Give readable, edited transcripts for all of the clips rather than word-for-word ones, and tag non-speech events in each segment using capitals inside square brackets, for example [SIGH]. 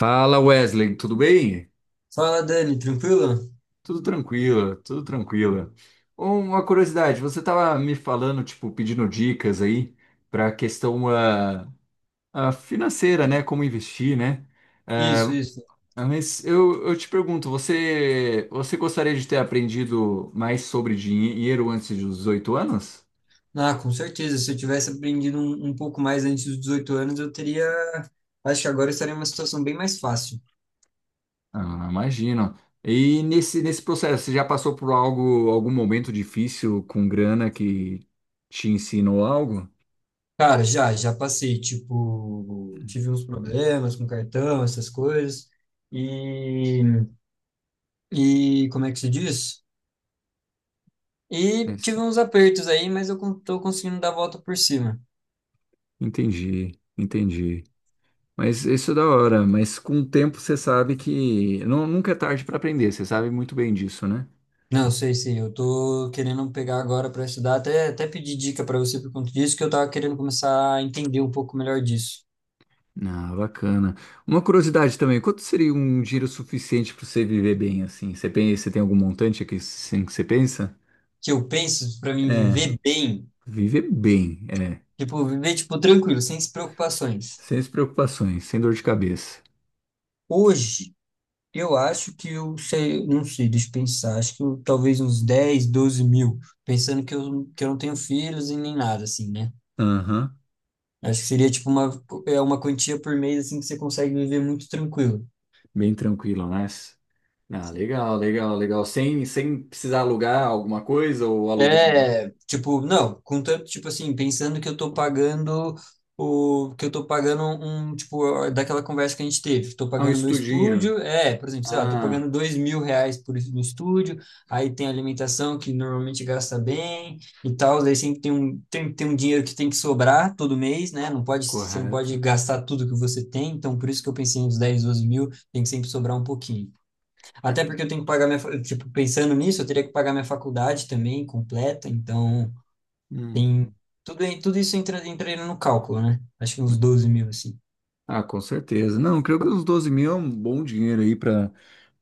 Fala Wesley, tudo bem? Fala, Dani, tranquilo? Tudo tranquilo, tudo tranquilo. Uma curiosidade, você estava me falando, tipo, pedindo dicas aí para a questão financeira, né? Como investir, né? Isso, Ah, isso. Mas eu te pergunto, você gostaria de ter aprendido mais sobre dinheiro antes dos 18 anos? Ah, com certeza. Se eu tivesse aprendido um pouco mais antes dos 18 anos, eu teria. Acho que agora eu estaria em uma situação bem mais fácil. Ah, imagino. E nesse processo, você já passou por algo, algum momento difícil com grana que te ensinou algo? Cara, já, já passei. Tipo, tive uns problemas com cartão, essas coisas. E, e como é que se diz? E tive uns apertos aí, mas tô conseguindo dar a volta por cima. Entendi, entendi. Mas isso é da hora, mas com o tempo você sabe que nunca é tarde para aprender, você sabe muito bem disso, né? Não, sei, sei. Eu tô querendo pegar agora para estudar. Até pedir dica para você por conta disso, que eu tava querendo começar a entender um pouco melhor disso. Ah, bacana. Uma curiosidade também, quanto seria um dinheiro suficiente para você viver bem assim? Você pensa, você tem algum montante aqui assim que você pensa? Que eu penso para mim É, viver bem, viver bem, é, tipo, viver tipo tranquilo, sem preocupações. sem as preocupações, sem dor de cabeça. Hoje, eu acho que eu sei, não sei, deixa eu pensar, acho que eu, talvez uns 10, 12 mil, pensando que eu não tenho filhos e nem nada assim, né? Aham. Acho que seria tipo uma, é uma quantia por mês assim que você consegue viver muito tranquilo. Bem tranquilo, né? Ah, legal, legal, legal. Sem precisar alugar alguma coisa ou alugando. É, tipo, não, contanto, tipo assim, pensando que eu tô pagando o que eu tô pagando um, tipo, daquela conversa que a gente teve, tô Ah, um pagando meu estudinho. estúdio, é, por exemplo, sei lá, tô Ah. pagando R$ 2.000 por isso no estúdio, aí tem alimentação que normalmente gasta bem e tal, daí sempre tem tem um dinheiro que tem que sobrar todo mês, né? Você não pode Correto. gastar tudo que você tem, então por isso que eu pensei nos 10 12 mil, tem que sempre sobrar um pouquinho. Até porque eu tenho que pagar tipo, pensando nisso, eu teria que pagar minha faculdade também completa, então Hum. tem tudo, tudo isso entra, entra no cálculo, né? Acho que uns 12 mil, assim. Ah, com certeza. Não, creio que os 12.000 é um bom dinheiro aí para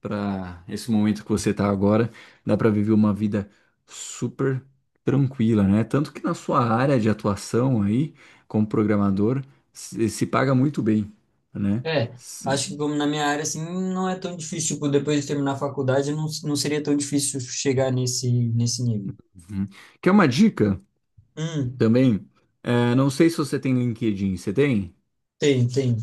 para esse momento que você tá agora. Dá para viver uma vida super tranquila, né? Tanto que na sua área de atuação aí, como programador, se paga muito bem, né? É, Se- acho que como na minha área, assim, não é tão difícil, tipo, depois de terminar a faculdade, não, não seria tão difícil chegar nesse nível. Uhum. Quer uma dica Hum, também? É, não sei se você tem LinkedIn, você tem? tem.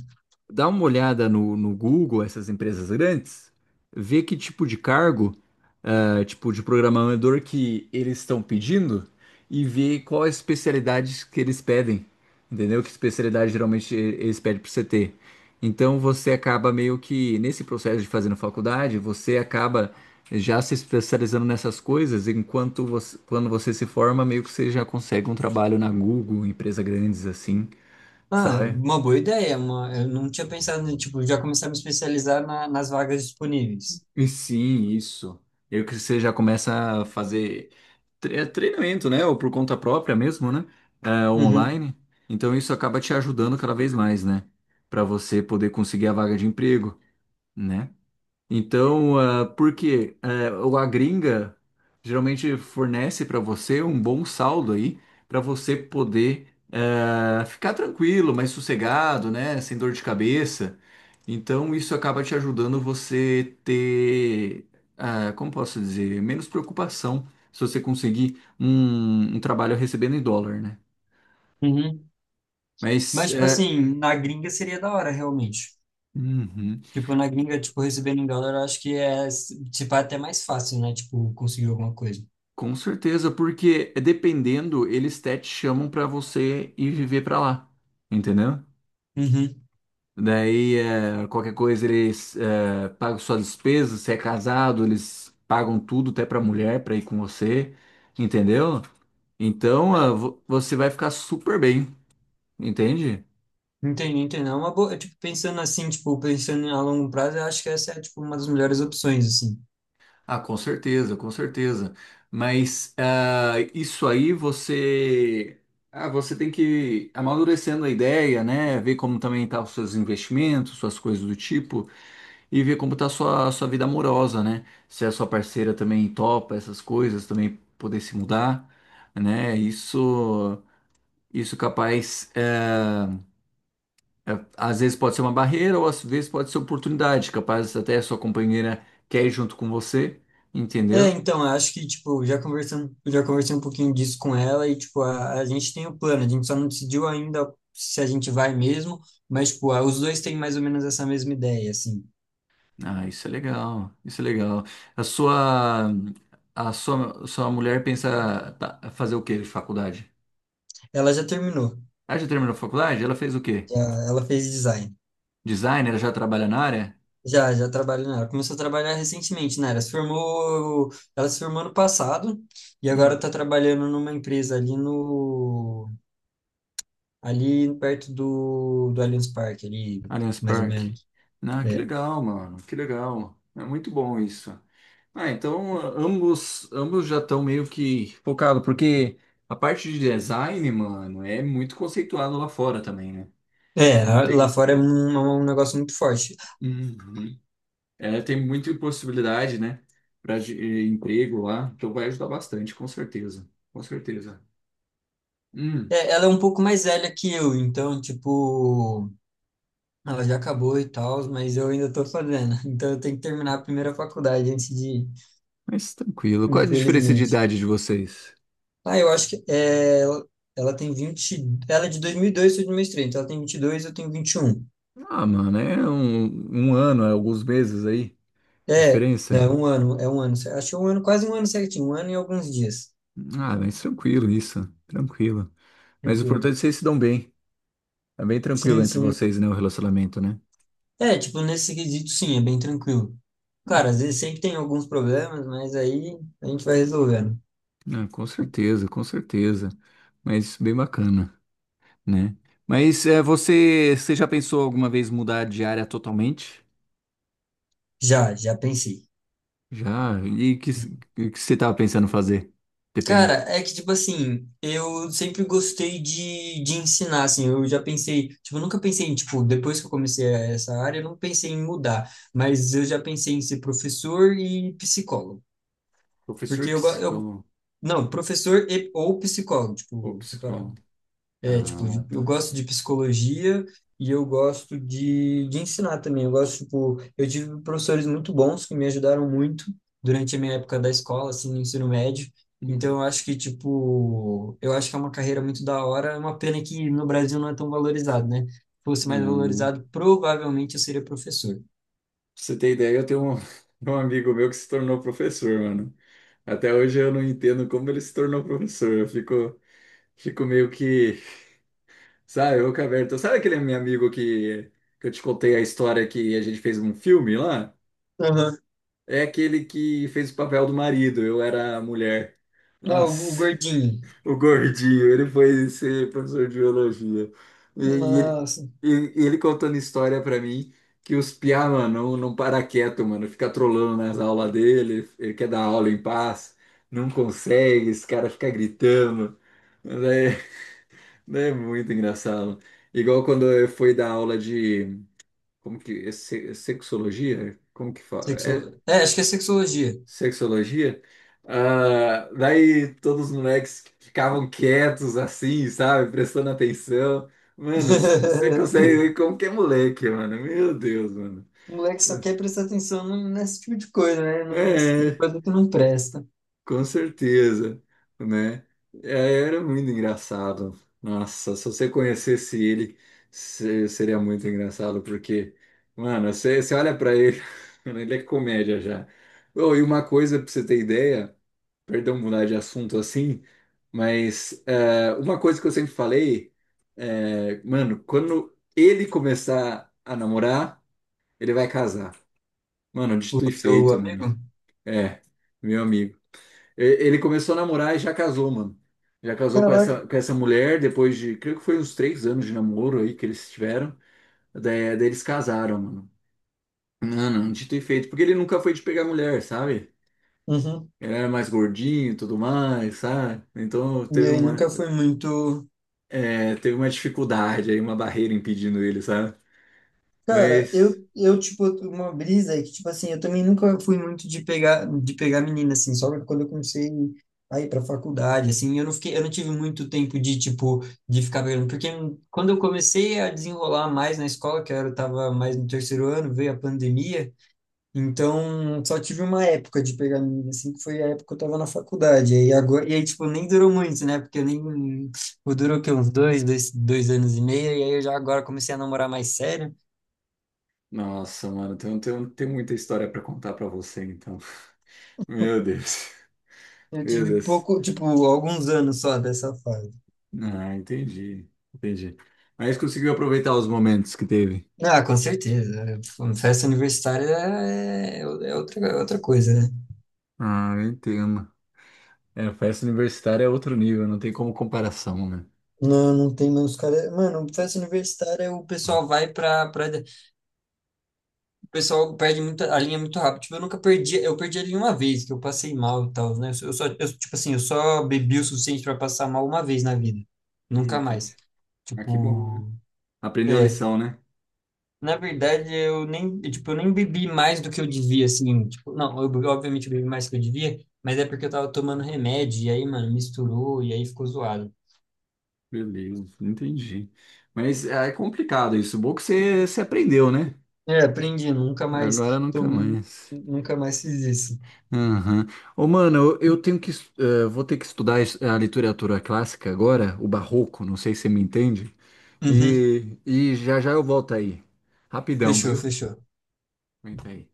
Dá uma olhada no Google, essas empresas grandes, vê que tipo de cargo. Tipo, de programador que eles estão pedindo e ver qual a especialidade que eles pedem, entendeu? Que especialidade geralmente eles pedem para você ter. Então você acaba meio que, nesse processo de fazendo faculdade, você acaba já se especializando nessas coisas, enquanto você, quando você se forma, meio que você já consegue um trabalho na Google, empresa grandes assim, Ah, sabe? uma boa ideia, eu não tinha pensado, em, tipo, já começar a me especializar nas vagas disponíveis. E sim, isso. Eu que você já começa a fazer é treinamento, né? Ou por conta própria mesmo, né? É, Uhum, online. Então isso acaba te ajudando cada vez mais, né? Para você poder conseguir a vaga de emprego, né? Então, porque a gringa geralmente fornece para você um bom saldo aí, para você poder ficar tranquilo, mais sossegado, né? Sem dor de cabeça. Então, isso acaba te ajudando você ter, como posso dizer, menos preocupação se você conseguir um trabalho recebendo em dólar, né? uhum. Mas, Mas, tipo assim, na gringa seria da hora, realmente. uhum. Tipo, na gringa, tipo, recebendo em dólar, eu acho que é, tipo, até mais fácil, né? Tipo, conseguir alguma coisa. Com certeza, porque dependendo, eles até te chamam pra você ir viver pra lá, entendeu? Uhum. Daí, qualquer coisa, eles pagam suas despesas, se é casado, eles pagam tudo, até pra mulher, pra ir com você, entendeu? Então, Ah, você vai ficar super bem, entende? entendi, entendi. É uma boa, tipo, pensando assim, tipo, pensando a longo prazo, eu acho que essa é, tipo, uma das melhores opções, assim. Ah, com certeza, com certeza. Mas isso aí você, você tem que ir amadurecendo a ideia, né? Ver como também tá os seus investimentos, suas coisas do tipo, e ver como tá a sua vida amorosa, né? Se a sua parceira também topa essas coisas, também poder se mudar, né? Isso, isso capaz, às vezes pode ser uma barreira ou às vezes pode ser oportunidade, capaz até a sua companheira quer ir junto com você, É, entendeu? então, eu acho que, tipo, já conversando, já conversei um pouquinho disso com ela e, tipo, a gente tem o plano, a gente só não decidiu ainda se a gente vai mesmo, mas, tipo, os dois têm mais ou menos essa mesma ideia, assim. Ah, isso é legal, isso é legal. A sua, a sua mulher pensa tá, fazer o quê de faculdade? Ela já terminou, Ela já terminou a faculdade? Ela fez o quê? já, ela fez design. Designer? Ela já trabalha na área? Já, já trabalho nela. Começou a trabalhar recentemente, né? Ela se formou ano passado e agora Hum. está trabalhando numa empresa ali no, ali perto do, do Allianz Parque, ali, Allianz mais ou Park. menos. Ah, que É. legal, mano, que legal. É muito bom isso. Ah, então ambos já estão meio que focados, porque a parte de design, mano, é muito conceituado lá fora também, né? É, Não lá tem. fora é um negócio muito forte. Uhum. É, tem muita possibilidade, né, para emprego lá, então vai ajudar bastante, com certeza, com certeza. Hum. É, ela é um pouco mais velha que eu, então, tipo, ela já acabou e tal, mas eu ainda tô fazendo. [LAUGHS] Então eu tenho que terminar a primeira faculdade antes de ir, Mas tranquilo. Qual é a diferença de infelizmente. idade de vocês? Ah, eu acho que é, ela, tem 20. Ela é de 2002 ou 2003, então ela tem 22, eu tenho 21. Ah, mano, é um ano, é alguns meses aí. É, não, Diferença? é um ano, é um ano. Acho que é um ano, quase um ano certinho, um ano e alguns dias. Ah, mas tranquilo isso. Tranquilo. Mas o Tranquilo. importante é que vocês se dão bem. É bem tranquilo Sim, entre sim. vocês, né? O relacionamento, né? É, tipo, nesse quesito, sim, é bem tranquilo. Ah, Cara, às vezes sempre tem alguns problemas, mas aí a gente vai resolvendo. ah, com certeza, com certeza. Mas bem bacana, né? Mas você já pensou alguma vez mudar de área totalmente? Já, já pensei. Já. E o que você tava pensando fazer? Dependendo. Cara, é que, tipo assim, eu sempre gostei de ensinar, assim, eu já pensei, tipo, eu nunca pensei em, tipo, depois que eu comecei essa área, eu não pensei em mudar, mas eu já pensei em ser professor e psicólogo, Eu fiz foi porque eu psicólogo. não, professor e, ou psicólogo, Ou tipo, separado. É, tipo, de- Ah, eu tá. gosto de psicologia e eu gosto de ensinar também. Eu gosto, tipo, eu tive professores muito bons que me ajudaram muito durante a minha época da escola, assim, no ensino médio. Então, Hum. eu acho que, tipo, eu acho que é uma carreira muito da hora. É uma pena que no Brasil não é tão valorizado, né? Se fosse mais Pra valorizado, provavelmente eu seria professor. você ter ideia, eu tenho um, [LAUGHS] um amigo meu que se tornou professor, mano. Até hoje eu não entendo como ele se tornou professor. Eu fico meio que, sabe, boca aberta. Sabe aquele meu amigo que eu te contei a história que a gente fez um filme lá? Aham. É aquele que fez o papel do marido, eu era a mulher. Ah, o Nossa. gordinho. O gordinho, ele foi ser professor de biologia. E, e ele, Nossa. e ele contando história pra mim que os piá, mano, não para quieto, mano. Fica trolando nas aulas dele, ele quer dar aula em paz, não consegue, esse cara fica gritando. Mas é muito engraçado. Igual quando eu fui dar aula de, como que, sexologia? Como que fala? É, Sexo... É, acho que é sexologia. sexologia? Ah, daí todos os moleques ficavam quietos assim, sabe? Prestando atenção. Mano, você consegue [LAUGHS] ver como que é moleque, mano. Meu Deus, mano. O moleque só quer prestar atenção nesse tipo de coisa, né? Né, nesse tipo de É, coisa que não presta. com certeza, né? É, era muito engraçado. Nossa, se você conhecesse ele, seria muito engraçado, porque, mano, você olha pra ele, [LAUGHS] mano, ele é comédia já. Oh, e uma coisa pra você ter ideia. Perdão mudar de assunto assim, mas uma coisa que eu sempre falei mano, quando ele começar a namorar, ele vai casar. Mano, O dito e seu feito, mano. amigo? É, meu amigo. Ele começou a namorar e já casou, mano. Já casou com Caraca. essa, com essa mulher depois de, creio que foi uns 3 anos de namoro aí que eles tiveram. Daí eles casaram, mano. Mano, dito e feito. Porque ele nunca foi de pegar mulher, sabe? Uhum. Ele era mais gordinho e tudo mais, sabe? Então E aí nunca foi muito. Teve uma dificuldade aí, uma barreira impedindo ele, sabe? Cara, Mas, tipo, uma brisa é que, tipo assim, eu também nunca fui muito de pegar menina, assim, só quando eu comecei a ir pra faculdade, assim, eu não fiquei, eu não tive muito tempo de, tipo, de ficar pegando, porque quando eu comecei a desenrolar mais na escola, que eu era, tava mais no terceiro ano, veio a pandemia. Então, só tive uma época de pegar milho, assim, que foi a época que eu tava na faculdade. Aí agora, e aí, tipo, nem durou muito, né? Porque eu nem. Pô, durou o quê? Uns dois anos e meio. E aí eu já agora comecei a namorar mais sério. nossa, mano, tem muita história pra contar pra você, então. [LAUGHS] Meu Deus, Eu meu tive Deus. pouco, tipo, alguns anos só dessa fase. Ah, entendi, entendi. Mas conseguiu aproveitar os momentos que teve. Ah, com certeza. Festa universitária é outra, é outra coisa, né? Ah, eu entendo. É, festa universitária é outro nível, não tem como comparação, né? Não, não tem mais os caras. Mano, festa universitária, o pessoal vai pra, pra. O pessoal perde muita, a linha muito rápido. Tipo, eu nunca perdi, eu perdi a linha uma vez, que eu passei mal e tal, né? Eu só, eu, tipo assim, eu só bebi o suficiente para passar mal uma vez na vida. Nunca entendi. mais. Ah, que bom, né? Tipo, Aprendeu a é. lição, né? Na verdade, eu nem bebi mais do que eu devia, assim. Tipo, não, eu, bebi- obviamente eu bebi mais do que eu devia, mas é porque eu tava tomando remédio, e aí, mano, misturou, e aí ficou zoado. Beleza, entendi. Mas é complicado isso. Bom que você aprendeu, né? É, aprendi, nunca Agora mais, nunca tô, mais. nunca mais fiz isso. Aham. Ô, mano, eu tenho que, vou ter que estudar a literatura clássica agora, o barroco, não sei se você me entende, Uhum, e já já eu volto aí. Rapidão, fechou, viu? fechou. Aguenta aí.